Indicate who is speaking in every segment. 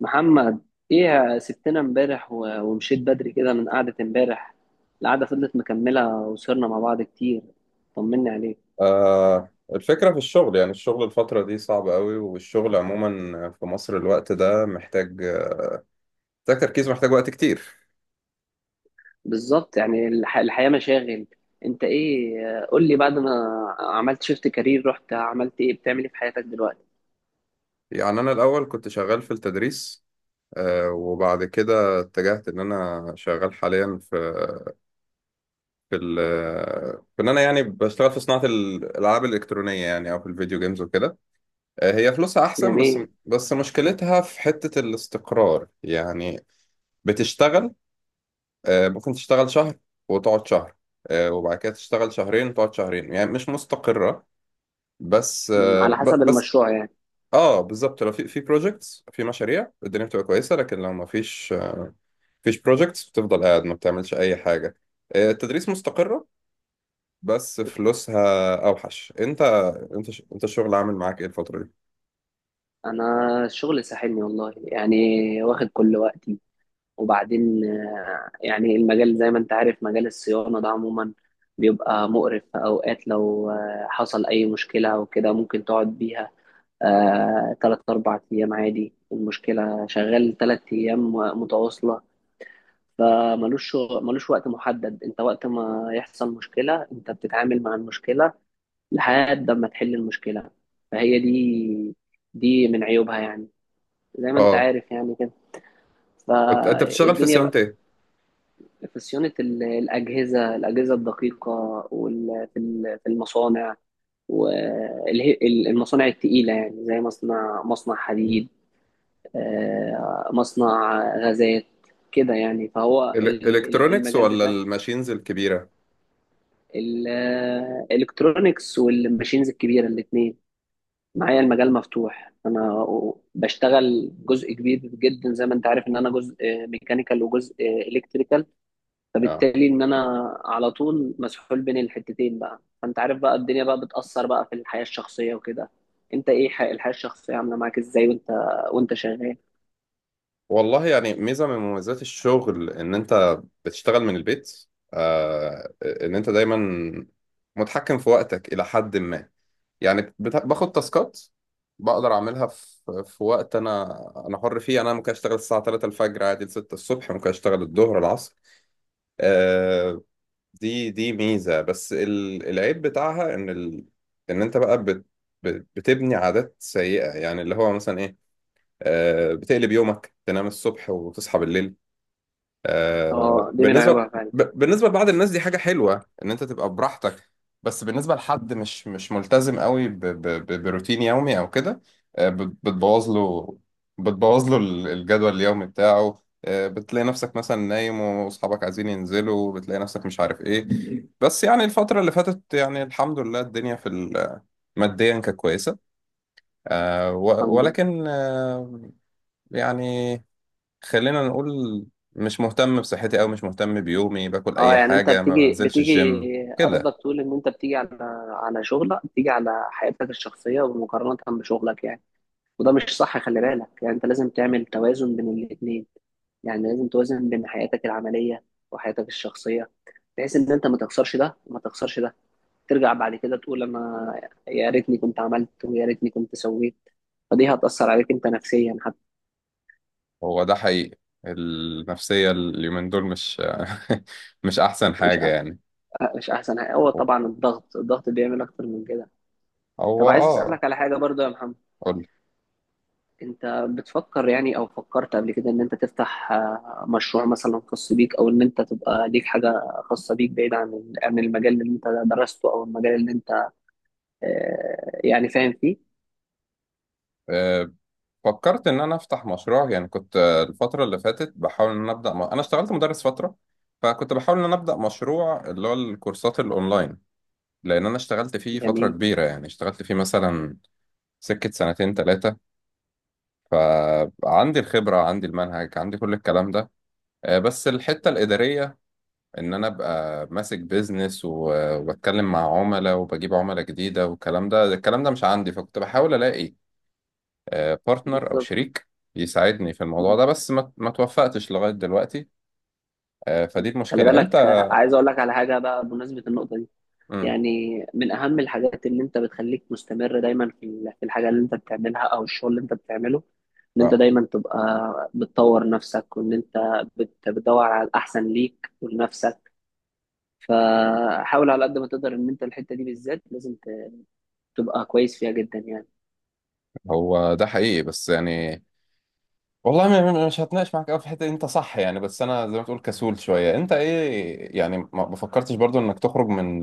Speaker 1: محمد، ايه يا سبتنا امبارح ومشيت بدري كده من قعدة امبارح. القعدة فضلت مكملة وسهرنا مع بعض كتير. طمني عليك.
Speaker 2: آه الفكرة في الشغل، يعني الشغل الفترة دي صعب قوي، والشغل عموما في مصر الوقت ده محتاج تركيز، محتاج وقت كتير.
Speaker 1: بالظبط، يعني الحياة مشاغل. انت ايه، قول لي بعد ما عملت شيفت كارير، رحت عملت ايه؟ بتعمل ايه في حياتك دلوقتي؟
Speaker 2: يعني أنا الأول كنت شغال في التدريس، آه، وبعد كده اتجهت إن أنا شغال حاليا في في ال في إن أنا يعني بشتغل في صناعة الألعاب الإلكترونية، يعني أو في الفيديو جيمز وكده. آه، هي فلوسها أحسن، بس
Speaker 1: جميل.
Speaker 2: بس مشكلتها في حتة الاستقرار يعني. بتشتغل، ممكن تشتغل شهر وتقعد شهر. وبعد كده تشتغل شهرين وتقعد شهرين، يعني مش مستقرة. بس
Speaker 1: على حسب
Speaker 2: بس.
Speaker 1: المشروع يعني.
Speaker 2: اه بالظبط، لو في بروجكتس، في مشاريع، الدنيا بتبقى كويسة، لكن لو ما فيش بروجكتس بتفضل قاعد ما بتعملش أي حاجة. التدريس مستقرة بس فلوسها أوحش. أنت الشغل عامل معاك إيه الفترة دي؟
Speaker 1: انا الشغل ساحلني والله يعني، واخد كل وقتي. وبعدين يعني المجال زي ما انت عارف، مجال الصيانة ده عموما بيبقى مقرف. في أوقات لو حصل أي مشكلة أو كده ممكن تقعد بيها تلات أربع أيام عادي. المشكلة شغال تلات أيام متواصلة، ملوش وقت محدد. انت وقت ما يحصل مشكلة انت بتتعامل مع المشكلة لحد ما تحل المشكلة. فهي دي، دي من عيوبها يعني، زي ما انت
Speaker 2: اه
Speaker 1: عارف يعني كده،
Speaker 2: أنت بتشتغل في
Speaker 1: فالدنيا.
Speaker 2: صيانة إيه؟
Speaker 1: في صيانة الأجهزة، الأجهزة الدقيقة، في المصانع والمصانع التقيلة، يعني زي مصنع، مصنع حديد، مصنع غازات كده يعني. فهو
Speaker 2: إلكترونكس
Speaker 1: المجال
Speaker 2: ولا
Speaker 1: بتاع
Speaker 2: الماشينز الكبيرة؟
Speaker 1: الإلكترونيكس والماشينز الكبيرة، الاتنين معايا، المجال مفتوح. أنا بشتغل جزء كبير جدا، زي ما أنت عارف، إن أنا جزء ميكانيكال وجزء إلكتريكال،
Speaker 2: اه
Speaker 1: فبالتالي ان انا على طول مسحول بين الحتتين بقى. فانت عارف بقى، الدنيا بقى بتأثر بقى في الحياة الشخصية وكده. انت ايه، الحياة الشخصية عاملة معاك ازاي وانت، وانت شغال؟
Speaker 2: والله، يعني ميزة من مميزات الشغل إن أنت بتشتغل من البيت. آه، إن أنت دايما متحكم في وقتك إلى حد ما. يعني باخد تاسكات بقدر أعملها في وقت أنا حر فيه. يعني أنا ممكن أشتغل الساعة 3 الفجر عادي ل 6 الصبح، ممكن أشتغل الظهر العصر. آه، دي ميزة. بس العيب بتاعها إن أنت بقى بتبني عادات سيئة، يعني اللي هو مثلا إيه؟ آه، بتقلب يومك، تنام الصبح وتصحى بالليل. آه،
Speaker 1: اه، دي من
Speaker 2: بالنسبة
Speaker 1: عيوبها فعلا.
Speaker 2: بالنسبة لبعض الناس دي حاجة حلوة، إن أنت تبقى براحتك. بس بالنسبة لحد مش ملتزم قوي بروتين يومي أو كده، بتبوظ له، الجدول اليومي بتاعه. آه، بتلاقي نفسك مثلا نايم وأصحابك عايزين ينزلوا، بتلاقي نفسك مش عارف إيه. بس يعني الفترة اللي فاتت يعني الحمد لله الدنيا ماديا كانت كويسة.
Speaker 1: الحمد لله.
Speaker 2: ولكن، يعني خلينا نقول مش مهتم بصحتي أو مش مهتم بيومي، باكل
Speaker 1: اه
Speaker 2: أي
Speaker 1: يعني انت
Speaker 2: حاجة، ما
Speaker 1: بتيجي
Speaker 2: بنزلش
Speaker 1: بتيجي
Speaker 2: الجيم كده.
Speaker 1: قصدك تقول ان انت بتيجي على، على شغلك بتيجي على حياتك الشخصية ومقارنة بشغلك يعني. وده مش صح، خلي بالك. يعني انت لازم تعمل توازن بين الاتنين، يعني لازم توازن بين حياتك العملية وحياتك الشخصية، بحيث ان انت ما تخسرش ده وما تخسرش ده. ترجع بعد كده تقول انا يا ريتني كنت عملت، ويا ريتني كنت سويت. فدي هتأثر عليك انت نفسيا حتى.
Speaker 2: هو ده حقيقي، النفسية اليومين دول مش مش أحسن
Speaker 1: مش
Speaker 2: حاجة
Speaker 1: أ-
Speaker 2: يعني.
Speaker 1: مش احسن حاجة. هو طبعا الضغط، الضغط بيعمل اكتر من كده.
Speaker 2: هو
Speaker 1: طب عايز
Speaker 2: آه.
Speaker 1: اسألك على حاجة برضو يا محمد،
Speaker 2: قول.
Speaker 1: انت بتفكر يعني او فكرت قبل كده ان انت تفتح مشروع مثلا خاص بيك، او ان انت تبقى ليك حاجة خاصة بيك بعيد عن، عن المجال اللي انت درسته او المجال اللي انت يعني فاهم فيه؟
Speaker 2: آه، فكرت إن أنا أفتح مشروع. يعني كنت آه، الفترة اللي فاتت بحاول إن أنا أبدأ أنا اشتغلت مدرس فترة، فكنت بحاول إن أنا أبدأ مشروع اللي هو الكورسات الأونلاين، لأن أنا اشتغلت فيه فترة
Speaker 1: جميل.
Speaker 2: كبيرة. يعني اشتغلت فيه مثلا سكة سنتين تلاتة، فعندي الخبرة، عندي المنهج، عندي كل الكلام ده. آه، بس الحتة الإدارية، إن أنا أبقى ماسك بيزنس، وبتكلم مع عملاء وبجيب عملاء جديدة، والكلام ده الكلام ده مش عندي، فكنت بحاول ألاقي بارتنر أو
Speaker 1: بالظبط.
Speaker 2: شريك يساعدني في الموضوع
Speaker 1: م-
Speaker 2: ده، بس ما توفقتش لغاية دلوقتي. آه،
Speaker 1: م.
Speaker 2: فدي
Speaker 1: خلي
Speaker 2: المشكلة أنت.
Speaker 1: بالك. عايز اقول لك على حاجة بقى بمناسبة النقطة دي.
Speaker 2: مم.
Speaker 1: يعني من أهم الحاجات اللي أنت بتخليك مستمر دايما في في الحاجة اللي أنت بتعملها أو الشغل اللي أنت بتعمله، إن أنت
Speaker 2: آه،
Speaker 1: دايما تبقى بتطور نفسك وإن أنت بتدور على الأحسن ليك ولنفسك. فحاول على قد ما تقدر إن أنت الحتة دي بالذات لازم تبقى كويس فيها جدا يعني.
Speaker 2: هو ده حقيقي بس يعني والله مش هتناقش معاك قوي في الحته دي، انت صح يعني. بس انا زي ما تقول كسول شويه. انت ايه يعني، ما فكرتش برضو انك تخرج من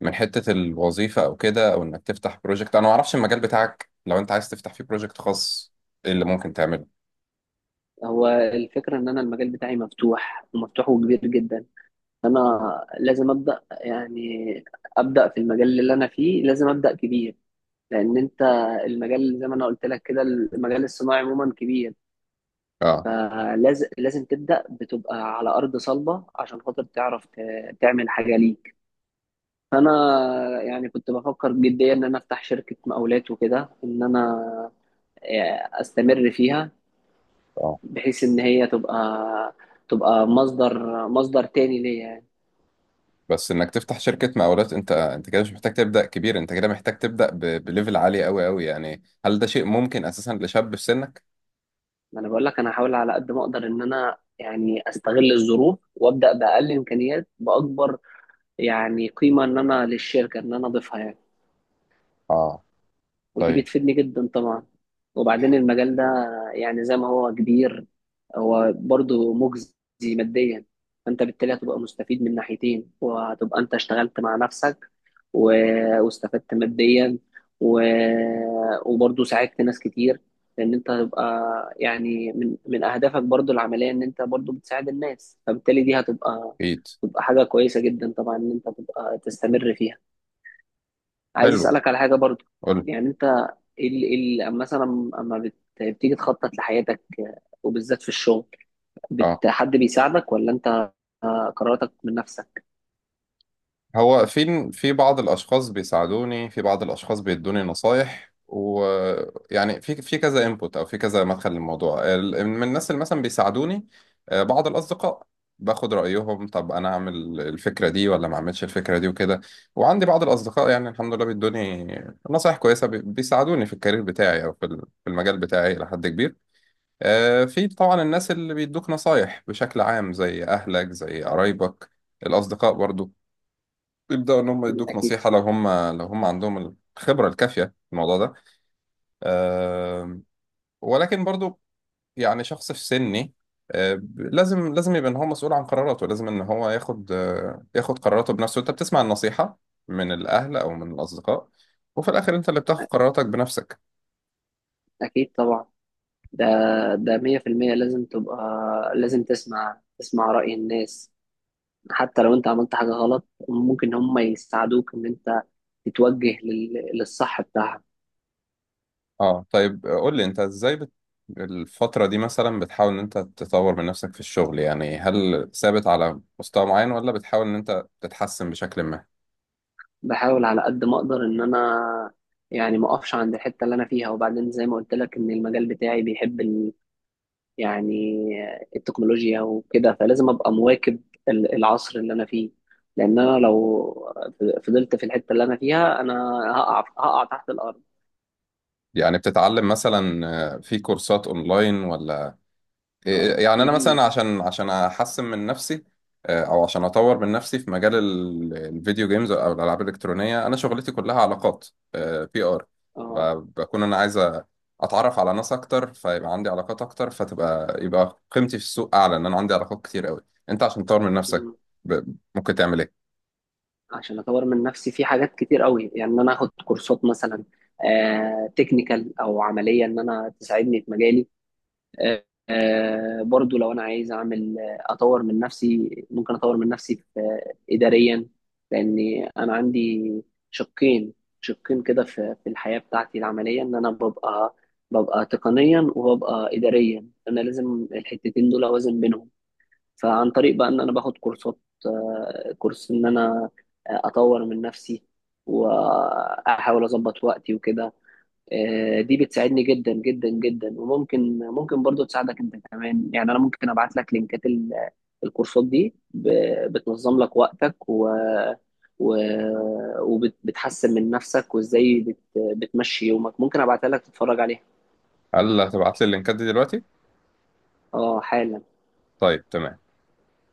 Speaker 2: حته الوظيفه، او كده، او انك تفتح بروجكت؟ انا ما اعرفش المجال بتاعك، لو انت عايز تفتح فيه بروجكت خاص ايه اللي ممكن تعمله؟
Speaker 1: هو الفكرة إن أنا المجال بتاعي مفتوح ومفتوح وكبير جدا. أنا لازم أبدأ يعني، أبدأ في المجال اللي أنا فيه، لازم أبدأ كبير. لان انت، المجال زي ما انا قلت لك كده، المجال الصناعي عموما كبير،
Speaker 2: اه.
Speaker 1: فلازم، لازم تبدا بتبقى على ارض صلبه عشان خاطر تعرف تعمل حاجه ليك. فانا يعني كنت بفكر جديا ان انا افتح شركه مقاولات وكده، ان انا استمر فيها،
Speaker 2: اه
Speaker 1: بحيث ان هي تبقى، تبقى مصدر، مصدر تاني ليا يعني.
Speaker 2: بس انك تفتح شركه مقاولات، انت كده مش محتاج تبدا كبير، انت كده محتاج تبدا بليفل عالي قوي يعني. هل ده شيء ممكن اساسا لشاب في سنك؟
Speaker 1: ما انا بقول لك انا هحاول على قد ما اقدر ان انا يعني استغل الظروف وابدا باقل امكانيات، باكبر يعني قيمة إن أنا للشركة إن أنا أضيفها يعني.
Speaker 2: اه.
Speaker 1: ودي
Speaker 2: طيب.
Speaker 1: بتفيدني جدا طبعا. وبعدين المجال ده، يعني زي ما هو كبير، هو برضه مجزي ماديا. فأنت بالتالي هتبقى مستفيد من ناحيتين، وهتبقى أنت اشتغلت مع نفسك و... واستفدت ماديا و... وبرضه ساعدت ناس كتير. لأن أنت هتبقى، يعني من، من أهدافك برضه العملية إن أنت برضه بتساعد الناس، فبالتالي دي هتبقى،
Speaker 2: اكيد.
Speaker 1: تبقى حاجة كويسة جدا طبعا إن أنت تبقى تستمر فيها. عايز
Speaker 2: حلو.
Speaker 1: اسالك على حاجه برضو.
Speaker 2: قول.
Speaker 1: يعني انت، ال ال مثلا اما بتيجي تخطط لحياتك وبالذات في الشغل،
Speaker 2: اه
Speaker 1: بت حد بيساعدك ولا انت قراراتك من نفسك؟
Speaker 2: هو في بعض الاشخاص بيساعدوني، في بعض الاشخاص بيدوني نصايح، ويعني في كذا انبوت، او في كذا مدخل للموضوع. من الناس اللي مثلا بيساعدوني آه، بعض الاصدقاء، باخد رايهم طب انا اعمل الفكره دي ولا ما اعملش الفكره دي وكده. وعندي بعض الاصدقاء يعني الحمد لله بيدوني نصايح كويسه، بيساعدوني في الكارير بتاعي او في المجال بتاعي الى حد كبير. آه، في طبعا الناس اللي بيدوك نصايح بشكل عام، زي اهلك، زي قرايبك، الاصدقاء برضو، يبدأوا إن هم يدوك
Speaker 1: اكيد،
Speaker 2: نصيحة لو هم لو هم عندهم الخبرة الكافية في الموضوع ده. آم، ولكن برضو يعني شخص في سني لازم يبقى إن هو مسؤول عن قراراته، لازم إن هو ياخد ياخد قراراته بنفسه. أنت بتسمع النصيحة من الأهل أو من الأصدقاء، وفي الآخر أنت اللي بتاخد قراراتك بنفسك.
Speaker 1: اكيد طبعا. ده، ده 100% لازم تبقى، لازم تسمع، تسمع رأي الناس. حتى لو انت عملت حاجة غلط ممكن هم يساعدوك ان انت تتوجه للصح بتاعها.
Speaker 2: أه طيب قول لي أنت إزاي الفترة دي مثلا بتحاول إن أنت تطور من نفسك في الشغل؟ يعني هل ثابت على مستوى معين ولا بتحاول إن أنت تتحسن بشكل ما؟
Speaker 1: بحاول على قد ما اقدر ان انا يعني ما اقفش عند الحته اللي انا فيها. وبعدين زي ما قلت لك ان المجال بتاعي بيحب ال... يعني التكنولوجيا وكده، فلازم ابقى مواكب العصر اللي انا فيه. لان انا لو فضلت في الحته اللي انا فيها، انا هقع تحت الارض.
Speaker 2: يعني بتتعلم مثلا آه، في كورسات اونلاين ولا إيه؟
Speaker 1: اه،
Speaker 2: يعني انا
Speaker 1: في.
Speaker 2: مثلا عشان عشان احسن من نفسي آه، او عشان اطور من نفسي في مجال الفيديو جيمز او الالعاب الالكترونيه، انا شغلتي كلها علاقات، بي ار.
Speaker 1: اه.
Speaker 2: بكون انا عايز اتعرف على ناس اكتر، فيبقى عندي علاقات اكتر، فتبقى يبقى قيمتي في السوق اعلى، ان انا عندي علاقات كتير قوي. انت عشان تطور من نفسك
Speaker 1: مم.
Speaker 2: ممكن تعمل ايه؟
Speaker 1: عشان اطور من نفسي في حاجات كتير قوي، يعني ان انا اخد كورسات مثلا آه تكنيكال او عمليه ان انا تساعدني في مجالي. برضو لو انا عايز اعمل، اطور من نفسي، ممكن اطور من نفسي في اداريا. لان انا عندي شقين، شقين كده في، في الحياة بتاعتي العملية، ان انا ببقى، ببقى تقنيا وببقى اداريا. انا لازم الحتتين دول اوازن بينهم. فعن طريق بقى ان انا باخد كورسات كورس ان انا اطور من نفسي، واحاول اظبط وقتي وكده. دي بتساعدني جدا جدا جدا، وممكن، ممكن برضو تساعدك انت كمان يعني. انا ممكن ابعت لك لينكات الكورسات دي، بتنظم لك وقتك و، وبتحسن من نفسك، وازاي بت... بتمشي يومك. ممكن ابعتها لك تتفرج عليها.
Speaker 2: هل هتبعت لي اللينكات دي دلوقتي؟
Speaker 1: اه، حالا.
Speaker 2: طيب تمام.